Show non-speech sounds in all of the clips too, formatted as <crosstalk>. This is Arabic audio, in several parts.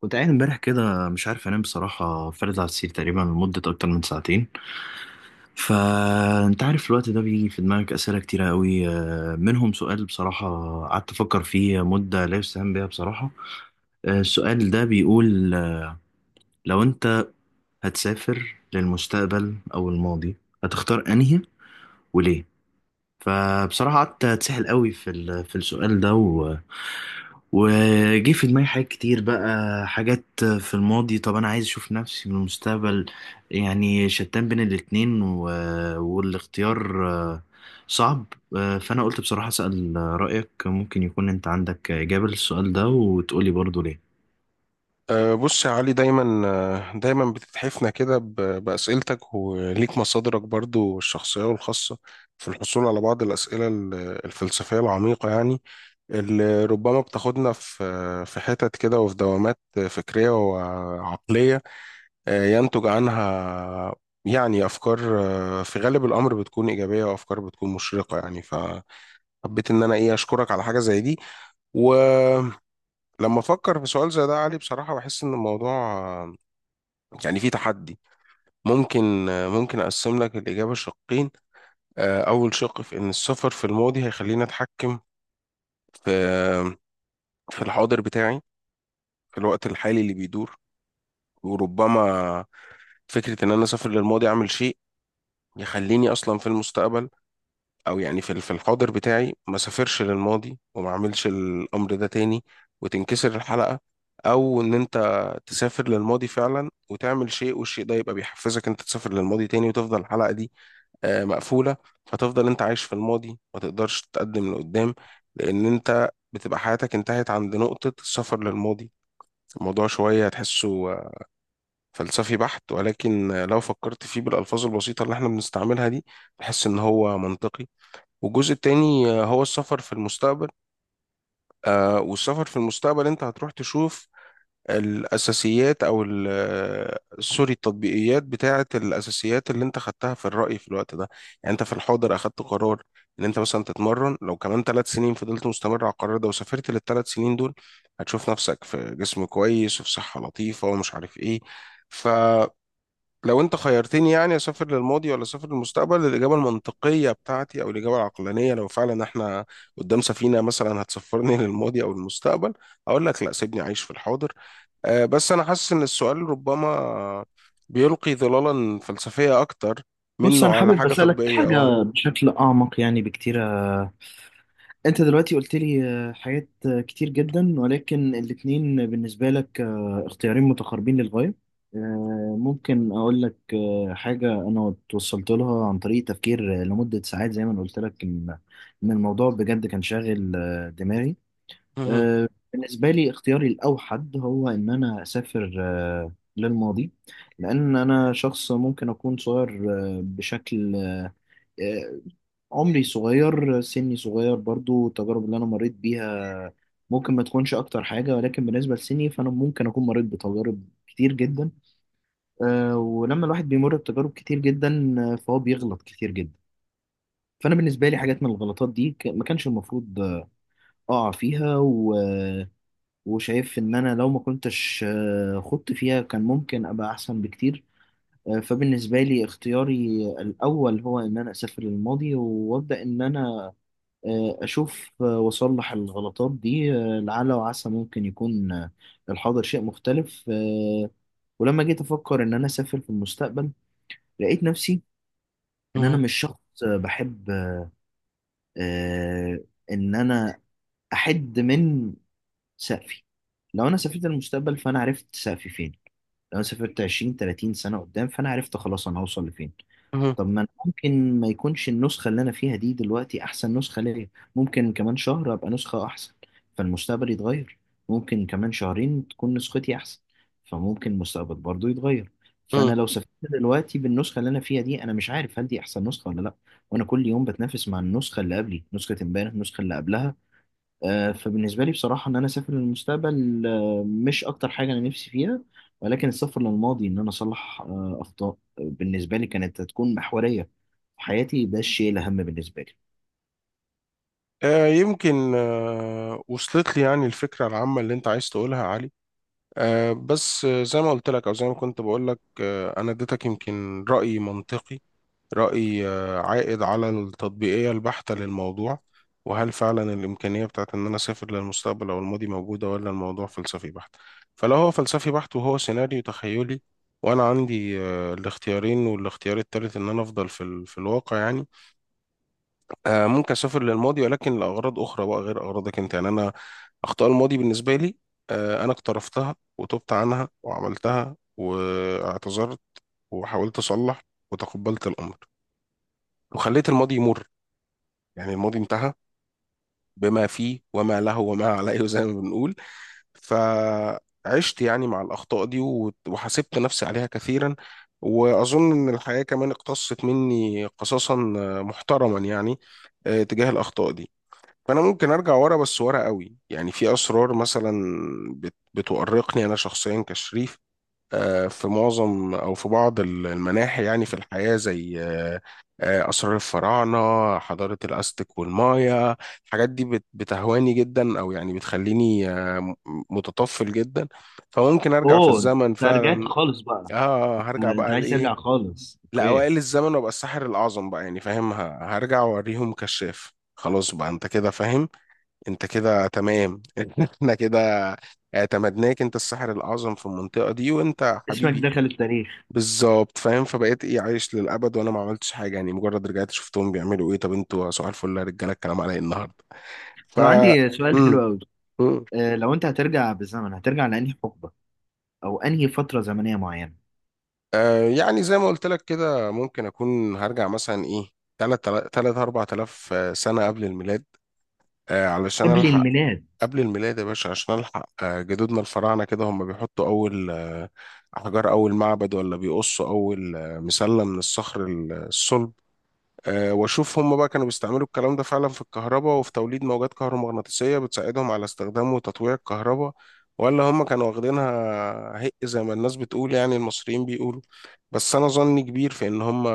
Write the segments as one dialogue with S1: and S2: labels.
S1: كنت قاعد امبارح كده مش عارف انام بصراحة، فارد على السرير تقريبا لمدة أكتر من ساعتين. فأنت عارف الوقت ده بيجي في دماغك أسئلة كتيرة قوي، منهم سؤال بصراحة قعدت أفكر فيه مدة لا يستهان بها بصراحة. السؤال ده بيقول لو أنت هتسافر للمستقبل أو الماضي، هتختار أنهي وليه؟ فبصراحة قعدت أتسحل قوي في السؤال ده. وجه في دماغي حاجات كتير، بقى حاجات في الماضي. طب انا عايز اشوف نفسي من المستقبل، يعني شتان بين الاتنين والاختيار صعب. فانا قلت بصراحة اسأل رأيك، ممكن يكون انت عندك إجابة للسؤال ده وتقولي برضو ليه.
S2: بص يا علي، دايما بتتحفنا كده بأسئلتك، وليك مصادرك برضو الشخصية والخاصة في الحصول على بعض الأسئلة الفلسفية العميقة يعني، اللي ربما بتاخدنا في حتت كده وفي دوامات فكرية وعقلية. ينتج عنها يعني أفكار، في غالب الأمر بتكون إيجابية، وأفكار بتكون مشرقة يعني. فحبيت إن أنا إيه أشكرك على حاجة زي دي. ولما افكر في سؤال زي ده يا علي، بصراحة بحس ان الموضوع يعني في تحدي. ممكن ممكن أقسم لك الإجابة شقين. أول شق في إن السفر في الماضي هيخليني أتحكم في في الحاضر بتاعي، في الوقت الحالي اللي بيدور. وربما فكرة إن أنا أسافر للماضي أعمل شيء يخليني أصلا في المستقبل، أو يعني في الحاضر بتاعي ما سافرش للماضي وما أعملش الأمر ده تاني، وتنكسر الحلقة. أو إن أنت تسافر للماضي فعلا وتعمل شيء، والشيء ده يبقى بيحفزك أنت تسافر للماضي تاني، وتفضل الحلقة دي مقفولة. فتفضل انت عايش في الماضي، ما تقدرش تتقدم لقدام، لان انت بتبقى حياتك انتهت عند نقطة السفر للماضي. الموضوع شوية تحسه فلسفي بحت، ولكن لو فكرت فيه بالألفاظ البسيطة اللي احنا بنستعملها دي، تحس ان هو منطقي. والجزء التاني هو السفر في المستقبل. والسفر في المستقبل انت هتروح تشوف الأساسيات، أو سوري، التطبيقيات بتاعة الأساسيات اللي أنت خدتها في الرأي في الوقت ده. يعني أنت في الحاضر أخدت قرار إن أنت مثلا تتمرن، لو كمان 3 سنين فضلت مستمر على القرار ده وسافرت لل3 سنين دول، هتشوف نفسك في جسم كويس وفي صحة لطيفة ومش عارف إيه. فلو أنت خيرتني يعني أسافر للماضي ولا أسافر للمستقبل، الإجابة المنطقية بتاعتي أو الإجابة العقلانية، لو فعلا إحنا قدام سفينة مثلا هتسفرني <laughs> للماضي أو المستقبل، أقول لك لا، سيبني أعيش في الحاضر. بس أنا حاسس إن السؤال ربما بيلقي ظلالا فلسفية أكتر
S1: بص،
S2: منه
S1: انا
S2: على
S1: حابب
S2: حاجة
S1: اسألك
S2: تطبيقية
S1: حاجة بشكل اعمق يعني بكتير. انت دلوقتي قلت لي حاجات كتير جدا، ولكن الاتنين بالنسبة لك اختيارين متقاربين للغاية. ممكن اقول لك حاجة انا توصلت لها عن طريق تفكير لمدة ساعات، زي ما انا قلت لك ان الموضوع بجد كان شاغل دماغي.
S2: مهم،
S1: بالنسبة لي اختياري الاوحد هو ان انا اسافر للماضي، لان انا شخص ممكن اكون صغير، آه، بشكل آه، آه، عمري صغير، سني صغير. برضو التجارب اللي أنا مريت بيها ممكن ما تكونش أكتر حاجة، ولكن بالنسبة لسني فأنا ممكن أكون مريت بتجارب كتير جدا. ولما الواحد بيمر بتجارب كتير جدا فهو بيغلط كتير جدا. فأنا بالنسبة لي حاجات من الغلطات دي ما كانش المفروض أقع فيها وشايف إن أنا لو ما كنتش خضت فيها كان ممكن أبقى أحسن بكتير. فبالنسبة لي اختياري الأول هو إن أنا أسافر للماضي، وأبدأ إن أنا أشوف وأصلح الغلطات دي، لعل وعسى ممكن يكون الحاضر شيء مختلف. ولما جيت أفكر إن أنا أسافر في المستقبل، لقيت نفسي إن أنا
S2: مهم،
S1: مش شخص بحب آه، إن أنا أحد من سقفي. لو أنا سافرت المستقبل، فأنا عرفت سقفي فين. لو أنا سافرت 20 30 سنة قدام، فأنا عرفت خلاص أنا هوصل لفين.
S2: مهم،
S1: طب ما أنا ممكن ما يكونش النسخة اللي أنا فيها دي دلوقتي أحسن نسخة ليا. ممكن كمان شهر أبقى نسخة أحسن، فالمستقبل يتغير. ممكن كمان شهرين تكون نسختي أحسن، فممكن المستقبل برضو يتغير.
S2: مهم.
S1: فأنا لو سافرت دلوقتي بالنسخة اللي أنا فيها دي، أنا مش عارف هل دي أحسن نسخة ولا لأ. وأنا كل يوم بتنافس مع النسخة اللي قبلي، نسخة امبارح، النسخة اللي قبلها. فبالنسبة لي بصراحة إن أنا أسافر للمستقبل مش أكتر حاجة أنا نفسي فيها، ولكن السفر للماضي إن أنا أصلح أخطاء بالنسبة لي كانت هتكون محورية في حياتي. ده الشيء الأهم بالنسبة لي.
S2: يمكن وصلت لي يعني الفكرة العامة اللي أنت عايز تقولها يا علي. بس زي ما قلت لك أو زي ما كنت بقول لك، أنا اديتك يمكن رأي منطقي، رأي عائد على التطبيقية البحتة للموضوع. وهل فعلا الإمكانية بتاعت إن أنا أسافر للمستقبل أو الماضي موجودة، ولا الموضوع فلسفي بحت؟ فلو هو فلسفي بحت وهو سيناريو تخيلي، وأنا عندي الاختيارين، والاختيار التالت إن أنا أفضل في الواقع يعني. ممكن أسافر للماضي، ولكن لأغراض أخرى بقى غير أغراضك أنت. يعني أنا، أخطاء الماضي بالنسبة لي، أنا اقترفتها وتبت عنها وعملتها واعتذرت، وحاولت أصلح، وتقبلت الأمر، وخليت الماضي يمر. يعني الماضي انتهى بما فيه وما له وما عليه <laughs> زي ما بنقول. فعشت يعني مع الأخطاء دي وحاسبت نفسي عليها كثيرا. وأظن إن الحياة كمان اقتصت مني قصاصا محترما يعني، تجاه الأخطاء دي. فأنا ممكن أرجع ورا، بس ورا قوي. يعني في أسرار مثلا بتؤرقني أنا شخصيا كشريف، في معظم أو في بعض المناحي يعني في الحياة، زي أسرار الفراعنة، حضارة الأزتك والمايا. الحاجات دي بتهواني جدا، أو يعني بتخليني متطفل جدا. فممكن أرجع في
S1: اوه! انت
S2: الزمن
S1: رجعت
S2: فعلا.
S1: خالص بقى.
S2: هرجع
S1: أنت
S2: بقى
S1: عايز ترجع
S2: لإيه؟
S1: خالص، أوكي.
S2: لأوائل الزمن، وأبقى الساحر الأعظم بقى، يعني فاهم. هرجع وأوريهم كشاف، خلاص بقى. أنت كده فاهم، أنت كده تمام <laughs> إحنا كده اعتمدناك أنت الساحر الأعظم في المنطقة دي، وأنت
S1: اسمك
S2: حبيبي،
S1: دخل التاريخ.
S2: بالظبط، فاهم. فبقيت ايه، عايش للابد وانا ما عملتش حاجه، يعني مجرد رجعت شفتهم بيعملوا ايه. طب انتوا صباح الفل يا رجاله، الكلام على ايه النهارده؟ ف
S1: طب عندي سؤال حلو
S2: امم.
S1: أوي.
S2: امم.
S1: لو أنت هترجع بالزمن، هترجع لأنهي حقبة أو أنهي فترة زمنية معينة؟
S2: يعني زي ما قلت لك كده، ممكن اكون هرجع مثلا ايه، 3، 3، 4000 سنه قبل الميلاد، علشان
S1: قبل
S2: الحق.
S1: الميلاد؟
S2: قبل الميلاد يا باشا، عشان الحق جدودنا الفراعنه كده هم بيحطوا اول احجار، اول معبد، ولا بيقصوا اول مسله من الصخر الصلب. واشوف هم بقى كانوا بيستعملوا الكلام ده فعلا في الكهرباء، وفي توليد موجات كهرومغناطيسية بتساعدهم على استخدام وتطويع الكهرباء، ولا هم كانوا واخدينها هق زي ما الناس بتقول، يعني المصريين بيقولوا. بس انا ظني كبير في ان هم،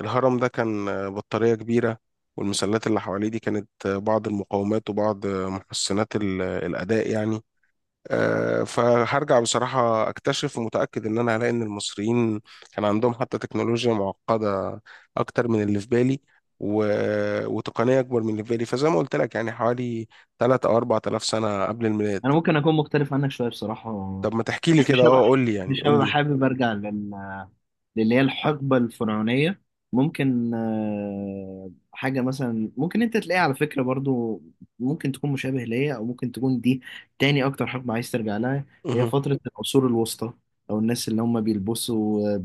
S2: الهرم ده كان بطارية كبيرة، والمسلات اللي حواليه دي كانت بعض المقاومات وبعض محسنات الأداء يعني. فهرجع بصراحة أكتشف، ومتأكد إن أنا هلاقي إن المصريين كان عندهم حتى تكنولوجيا معقدة أكتر من اللي في بالي، و... وتقنية أكبر من اللي في بالي. فزي ما قلت لك يعني، حوالي 3 أو 4000 سنة قبل الميلاد.
S1: انا ممكن اكون مختلف عنك شويه بصراحه.
S2: طب ما تحكي لي
S1: يعني مش
S2: كده.
S1: هبقى
S2: قول لي يعني،
S1: مش
S2: قول
S1: هبقى
S2: لي.
S1: حابب ارجع للي هي الحقبه الفرعونيه. ممكن حاجه مثلا ممكن انت تلاقيها على فكره برضو. ممكن تكون مشابه ليا، او ممكن تكون دي تاني اكتر حقبه عايز ترجع لها. هي
S2: مه،
S1: فتره العصور الوسطى، او الناس اللي هم بيلبسوا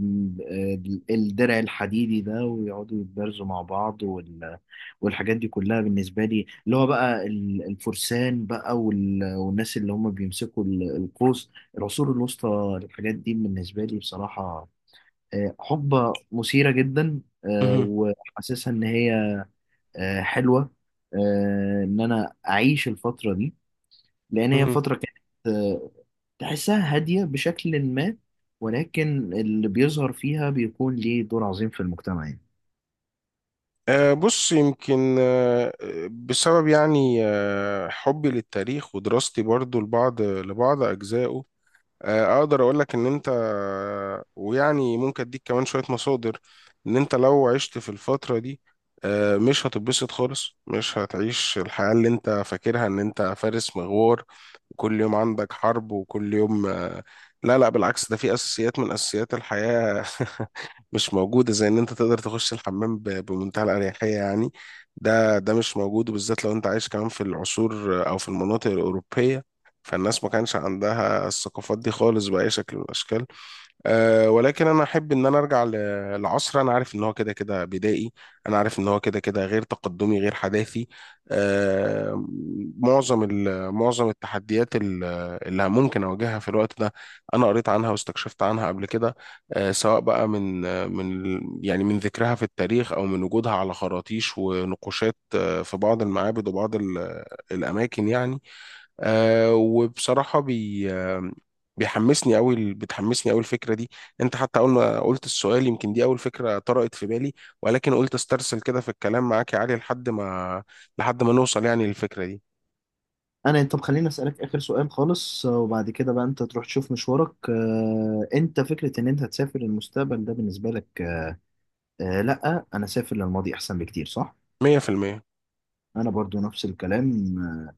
S1: آه، الدرع الحديدي ده ويقعدوا يتبارزوا مع بعض والحاجات دي كلها. بالنسبه لي، اللي هو بقى الفرسان بقى والناس اللي هم بيمسكوا القوس. العصور الوسطى، الحاجات دي بالنسبة لي بصراحة حقبة مثيرة جدا،
S2: مه،
S1: وحاسسها إن هي حلوة، إن أنا أعيش الفترة دي، لأن هي
S2: مه.
S1: فترة كانت آه، تحسها هادية بشكل ما، ولكن اللي بيظهر فيها بيكون ليه دور عظيم في المجتمع يعني.
S2: بص، يمكن بسبب يعني حبي للتاريخ، ودراستي برضو لبعض أجزائه، اقدر اقول لك ان انت، ويعني ممكن اديك كمان شوية مصادر، ان انت لو عشت في الفترة دي، مش هتتبسط خالص. مش هتعيش الحياة اللي انت فاكرها ان انت فارس مغوار، وكل يوم عندك حرب، وكل يوم لا لا، بالعكس. ده في اساسيات من اساسيات الحياة <laughs> مش موجودة، زي ان انت تقدر تخش الحمام بمنتهى الأريحية يعني. ده مش موجود، وبالذات لو انت عايش كمان في العصور او في المناطق الأوروبية. فالناس ما كانش عندها الثقافات دي خالص بأي شكل من الأشكال. ولكن انا احب ان انا ارجع لعصر انا عارف ان هو كده كده بدائي، انا عارف ان هو كده كده غير تقدمي غير حداثي أه معظم التحديات اللي ممكن اواجهها في الوقت ده، انا قريت عنها واستكشفت عنها قبل كده. سواء بقى من يعني من ذكرها في التاريخ، او من وجودها على خراطيش ونقوشات، في بعض المعابد وبعض الاماكن يعني. وبصراحة بي آه بيحمسني أوي بتحمسني أوي الفكرة دي. أنت حتى أول ما قلت السؤال، يمكن دي أول فكرة طرقت في بالي، ولكن قلت استرسل كده في الكلام معاك يا علي، لحد ما نوصل يعني للفكرة دي.
S1: انا، طب خليني اسالك اخر سؤال خالص، وبعد كده بقى انت تروح تشوف مشوارك. انت فكره ان انت تسافر المستقبل ده بالنسبه لك لا، انا سافر للماضي احسن بكتير، صح؟
S2: 100%.
S1: انا برضو نفس الكلام.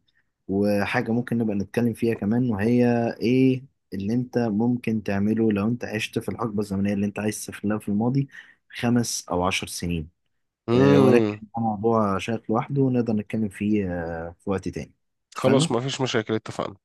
S1: وحاجه ممكن نبقى نتكلم فيها كمان وهي ايه اللي انت ممكن تعمله لو انت عشت في الحقبه الزمنيه اللي انت عايز تسافر لها في الماضي، 5 او 10 سنين. ولكن
S2: امم.
S1: ده موضوع شائك لوحده، ونقدر نتكلم فيه في وقت تاني.
S2: خلاص، ما
S1: اتفقنا.
S2: فيش مشاكل، اتفقنا.